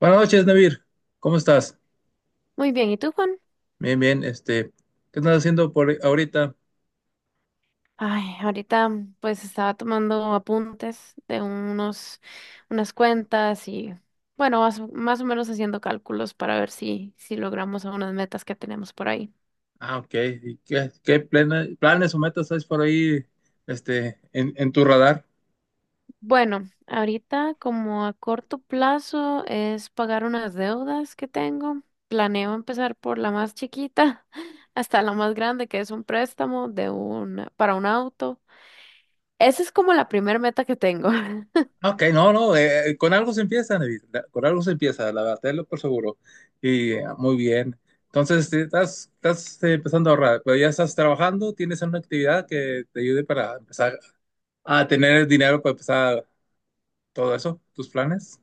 Buenas noches, Navir. ¿Cómo estás? Muy bien, ¿y tú, Juan? Bien, bien. ¿Qué estás haciendo por ahorita? Ay, ahorita pues estaba tomando apuntes de unas cuentas y bueno, más o menos haciendo cálculos para ver si logramos algunas metas que tenemos por ahí. Ah, ok. ¿Y qué planes o metas hay por ahí, en tu radar? Bueno, ahorita como a corto plazo es pagar unas deudas que tengo. Planeo empezar por la más chiquita hasta la más grande, que es un préstamo para un auto. Esa es como la primera meta que tengo. Ah, Ok, no, no. Con algo se empieza, Navir. Con algo se empieza, la verdad, tenlo por seguro. Y ah, muy bien. Entonces, estás empezando a ahorrar, pero ya estás trabajando, tienes una actividad que te ayude para empezar a tener dinero para empezar todo eso, tus planes.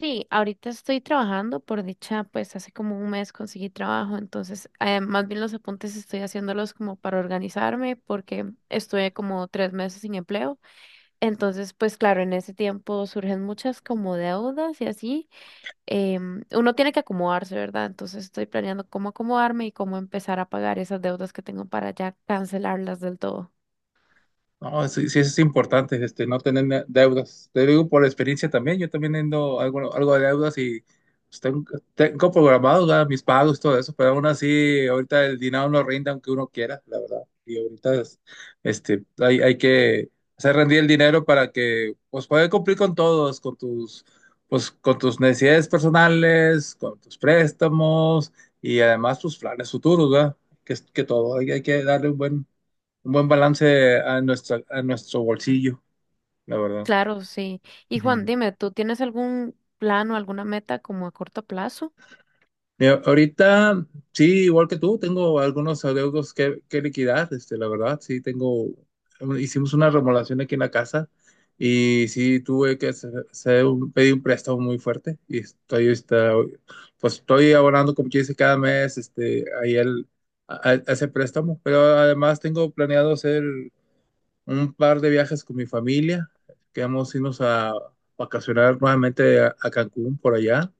Sí, ahorita estoy trabajando, por dicha, pues hace como un mes conseguí trabajo, entonces más bien los apuntes estoy haciéndolos como para organizarme porque estuve como tres meses sin empleo, entonces pues claro, en ese tiempo surgen muchas como deudas y así, uno tiene que acomodarse, ¿verdad? Entonces estoy planeando cómo acomodarme y cómo empezar a pagar esas deudas que tengo para ya cancelarlas del todo. No, sí, sí es importante, no tener deudas. Te digo por experiencia también, yo también tengo algo de deudas y pues, tengo programado ya mis pagos, todo eso, pero aún así ahorita el dinero no rinde aunque uno quiera, la verdad. Y ahorita hay que hacer rendir el dinero para que pues puedas cumplir con todos, pues, con tus necesidades personales, con tus préstamos y además tus planes futuros, ¿verdad? Que todo, hay que darle un buen balance a nuestro bolsillo, la verdad. Claro, sí. Y Juan, Ujú. dime, ¿tú tienes algún plan o alguna meta como a corto plazo? Mira, ahorita, sí, igual que tú, tengo algunos adeudos que liquidar, la verdad, sí, hicimos una remodelación aquí en la casa y sí, tuve que pedir un préstamo muy fuerte y pues estoy abonando, como quien dice, cada mes, a ese préstamo, pero además tengo planeado hacer un par de viajes con mi familia. Quedamos irnos a vacacionar nuevamente a Cancún por allá.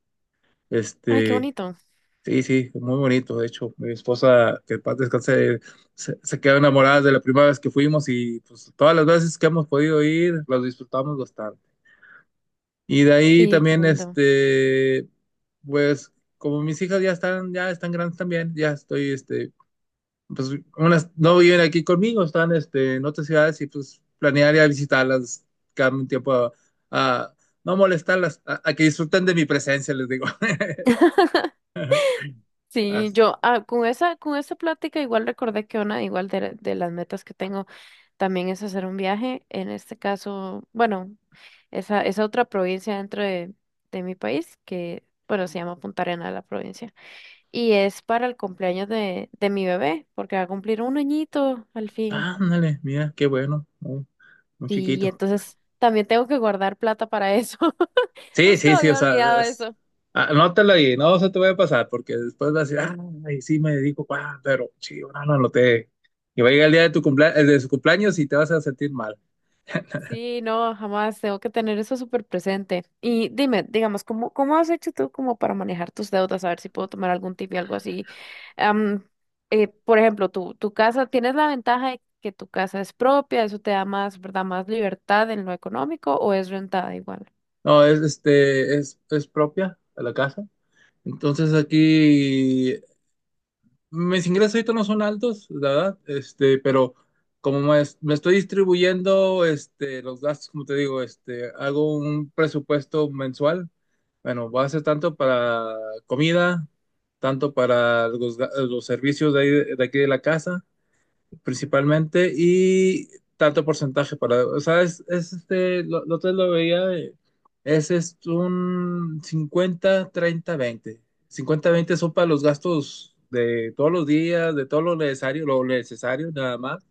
Ay, qué Este, bonito. sí, sí, muy bonito. De hecho, mi esposa, que en paz descanse, se quedó enamorada de la primera vez que fuimos y pues todas las veces que hemos podido ir, los disfrutamos bastante. Y de ahí Sí, qué también, lindo. Pues como mis hijas ya están grandes también, pues unas no viven aquí conmigo, están en otras ciudades y pues planearía visitarlas cada un tiempo a no molestarlas, a que disfruten de mi presencia, les digo. Sí, As- yo, con esa plática igual recordé que una igual de las metas que tengo también es hacer un viaje. En este caso, bueno, esa otra provincia dentro de mi país que, bueno, se llama Punta Arenas la provincia. Y es para el cumpleaños de mi bebé, porque va a cumplir un añito al fin. Ándale, mira, qué bueno, muy, muy Sí, chiquito. entonces también tengo que guardar plata para eso. Sí, Justo sí, sí, o había sea, olvidado es- eso. anótalo ahí, no se te va a pasar porque después vas a decir, ay, sí me dedico, ah, pero sí, no lo anoté. Y va a llegar el día de tu cumpleaños, de su cumpleaños y te vas a sentir mal. Sí, no, jamás tengo que tener eso súper presente. Y dime, digamos, ¿cómo has hecho tú como para manejar tus deudas? A ver si puedo tomar algún tip y algo así. Am, por ejemplo, tu casa, ¿tienes la ventaja de que tu casa es propia? ¿Eso te da más, verdad, más libertad en lo económico o es rentada igual? No, es propia de la casa. Entonces aquí mis ingresos ahorita no son altos, la verdad, pero me estoy distribuyendo los gastos, como te digo, hago un presupuesto mensual. Bueno, voy a hacer tanto para comida, tanto para los servicios de aquí de la casa principalmente y tanto porcentaje para, o sea, es este, lo, te lo veía, es un 50 30 20 50 20 son para los gastos de todos los días, de todo lo necesario nada más.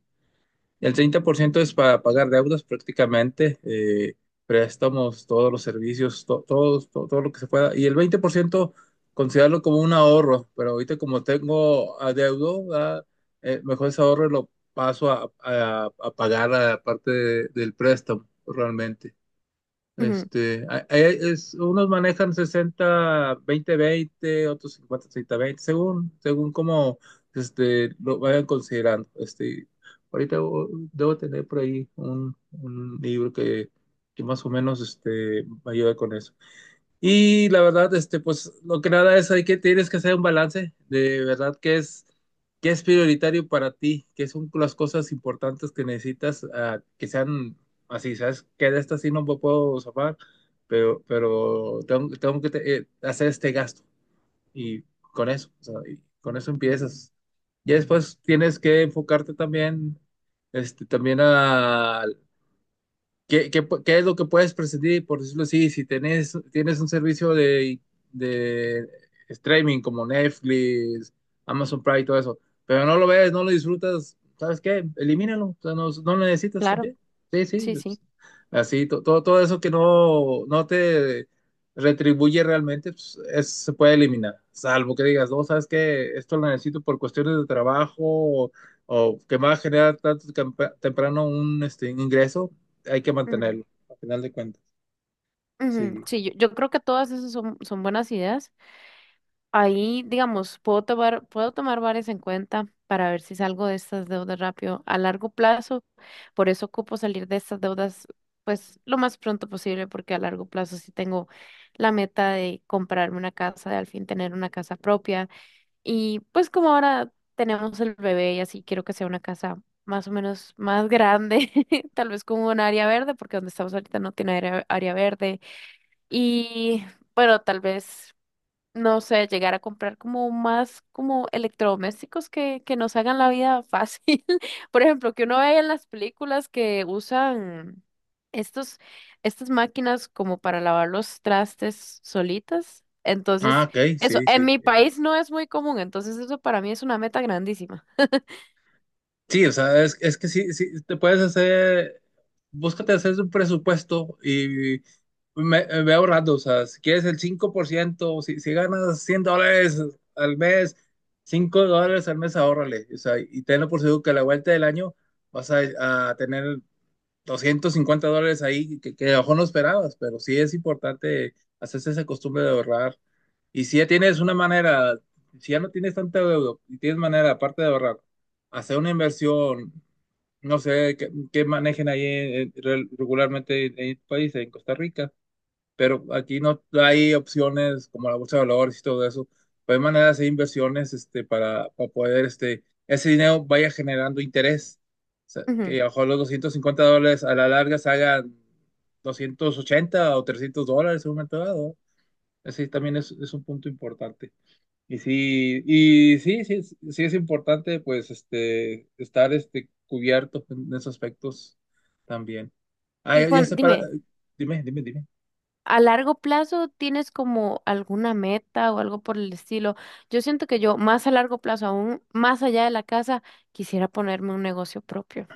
El 30% es para pagar deudas prácticamente, préstamos, todos los servicios, todo, lo que se pueda. Y el 20% considerarlo como un ahorro, pero ahorita como tengo adeudo, ¿verdad? Mejor ese ahorro lo paso a pagar a la parte del préstamo realmente. Ujú, Unos manejan 60, 20, 20, otros 50, 30, 20, según cómo lo vayan considerando. Ahorita debo tener por ahí un libro que más o menos me ayuda con eso. Y la verdad, pues lo que nada es, tienes que hacer un balance de verdad qué es, prioritario para ti, qué son las cosas importantes que necesitas, que sean así, ¿sabes? Que de estas sí no me puedo zafar, pero tengo que hacer este gasto y con eso, o sea, y con eso empiezas. Y después tienes que enfocarte también, también ¿Qué es lo que puedes prescindir, por decirlo así, si tienes un servicio de streaming como Netflix, Amazon Prime y todo eso, pero no lo ves, no lo disfrutas, ¿sabes qué? Elimínalo, o sea, no, no lo necesitas claro, también. Sí, sí, sí, sí. pues, así, todo eso que no te retribuye realmente, pues, se puede eliminar, salvo que digas, no, ¿sabes qué? Esto lo necesito por cuestiones de trabajo o que me va a generar tanto temprano un ingreso hay que Ujú, mantenerlo, al final de cuentas. ujú. Sí. Sí, yo creo que todas esas son buenas ideas. Ahí, digamos, puedo tomar varias en cuenta para ver si salgo de estas deudas rápido a largo plazo. Por eso ocupo salir de estas deudas, pues, lo más pronto posible, porque a largo plazo sí tengo la meta de comprarme una casa, de al fin tener una casa propia. Y pues como ahora tenemos el bebé y así quiero que sea una casa más o menos más grande, tal vez con un área verde, porque donde estamos ahorita no tiene área verde. Y bueno, tal vez no sé, llegar a comprar como más como electrodomésticos que nos hagan la vida fácil. Por ejemplo, que uno vea en las películas que usan estos, estas máquinas como para lavar los trastes solitas. Ah, Entonces, ok, eso, sí, en sí. mi país no es muy común, entonces eso para mí es una meta grandísima. Sí, o sea, es que sí, sí, búscate hacer un presupuesto y me voy ahorrando, o sea, si quieres el 5%, si ganas $100 al mes, $5 al mes, ahórrale, o sea, y tenlo por seguro que a la vuelta del año vas a tener $250 ahí que a lo mejor no esperabas, pero sí es importante hacerse esa costumbre de ahorrar. Y si ya tienes una manera, si ya no tienes tanta deuda y tienes manera, aparte de ahorrar, hacer una inversión, no sé, que manejen ahí regularmente en el país, en Costa Rica pero aquí no hay opciones como la bolsa de valores y todo eso. Pero hay maneras de inversiones para poder ese dinero vaya generando interés. O sea, Ujú. que a lo mejor los $250 a la larga se hagan $280 o $300 en un momento dado. Ese también es un punto importante. Y sí, sí, sí es importante pues estar cubierto en esos aspectos también. Ah, Y ya Juan, sé para. dime. Dime, dime, dime. A largo plazo tienes como alguna meta o algo por el estilo. Yo siento que yo más a largo plazo, aún más allá de la casa, quisiera ponerme un negocio propio.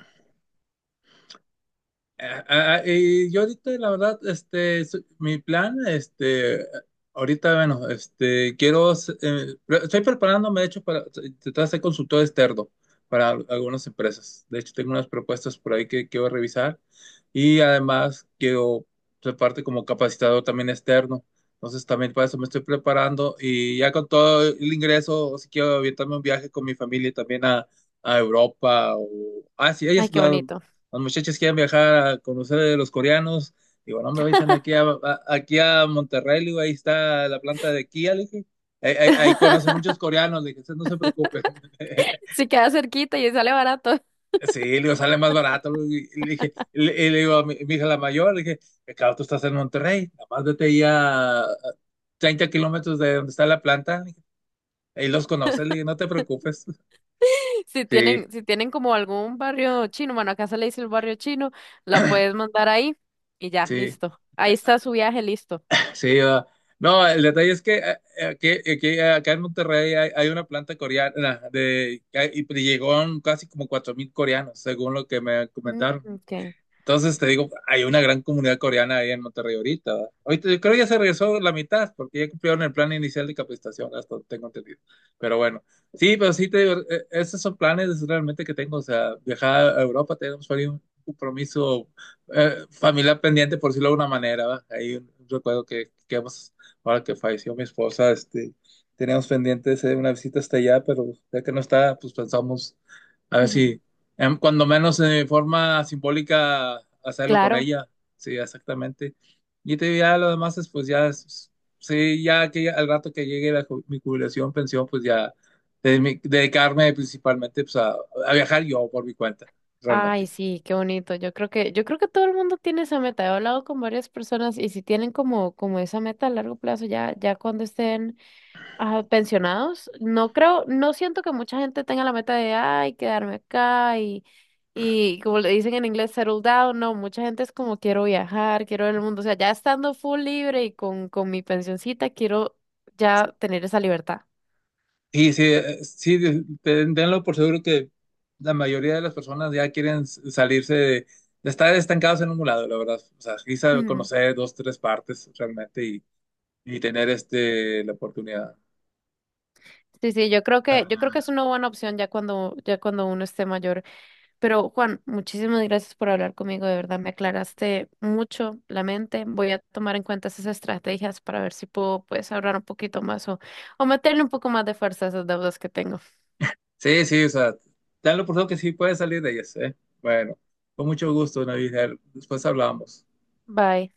Ah, y yo ahorita, la verdad, mi plan, ahorita, bueno, estoy preparándome, de hecho, para tratar de ser consultor externo para algunas empresas. De hecho, tengo unas propuestas por ahí que quiero revisar y además quiero ser parte como capacitador también externo. Entonces, también para eso me estoy preparando y ya con todo el ingreso, o si quiero aventarme un viaje con mi familia también a Europa o Asia, Ay, ellos, qué bonito. los muchachos quieren viajar a conocer de los coreanos. Digo, no, hombre, vayan aquí a Monterrey, le digo, ahí está la planta de Kia, le dije. Ahí conocen muchos coreanos, le dije, "ustedes no se preocupen". Si queda cerquita y sale barato. Sí, le digo, sale más barato. Le digo, y le dije, y le digo a mi hija la mayor, le dije, "Claro, tú estás en Monterrey, nada más vete ahí a 30 kilómetros de donde está la planta", le dije, ahí los conoces, le dije, no te preocupes. Si Sí, tienen, si tienen como algún barrio chino, bueno, acá se le dice el barrio chino, la puedes mandar ahí y ya, sí. listo. Ahí está su viaje, listo. Sí, va. No, el detalle es que acá en Monterrey hay una planta coreana y llegó casi como 4000 coreanos, según lo que me Mm, comentaron. ok. Entonces te digo, hay una gran comunidad coreana ahí en Monterrey ahorita. ¿Verdad? Ahorita yo creo que ya se regresó la mitad, porque ya cumplieron el plan inicial de capacitación, hasta donde tengo entendido. Pero bueno, sí, pero sí te digo, esos son planes realmente que tengo. O sea, viajar a Europa, tenemos por ahí un compromiso familiar pendiente, por decirlo de alguna manera. ¿Verdad? Hay un recuerdo que hemos, ahora que falleció mi esposa, teníamos pendiente de hacer una visita hasta allá, pero ya que no está, pues pensamos a ver Ujú. si cuando menos de forma simbólica hacerlo con Claro. ella. Sí, exactamente. Y te ya lo demás es pues ya sí, ya que al rato que llegue la mi jubilación, pensión, pues ya dedicarme principalmente pues a viajar yo por mi cuenta, Ay, realmente. sí, qué bonito. Yo creo que todo el mundo tiene esa meta. He hablado con varias personas y si tienen como esa meta a largo plazo, ya cuando estén pensionados, no creo, no siento que mucha gente tenga la meta de, ay, quedarme acá y como le dicen en inglés, settle down. No, mucha gente es como quiero viajar, quiero ver el mundo. O sea, ya estando full libre y con mi pensioncita, quiero ya tener esa libertad. Y sí, sí, tenlo por seguro que la mayoría de las personas ya quieren salirse de estar estancados en un lado, la verdad. O sea, quizá Ujú. conocer dos, tres partes realmente y tener la oportunidad. Sí, sí, yo creo que es Ah, una buena opción ya cuando uno esté mayor. Pero Juan, muchísimas gracias por hablar conmigo, de verdad me aclaraste mucho la mente. Voy a tomar en cuenta esas estrategias para ver si puedo pues ahorrar un poquito más o meterle un poco más de fuerza a esas deudas que tengo. sí, sí, o sea, danlo por todo que sí puede salir de ellas, ¿eh? Bueno, con mucho gusto, Navidad. Después hablamos. Bye.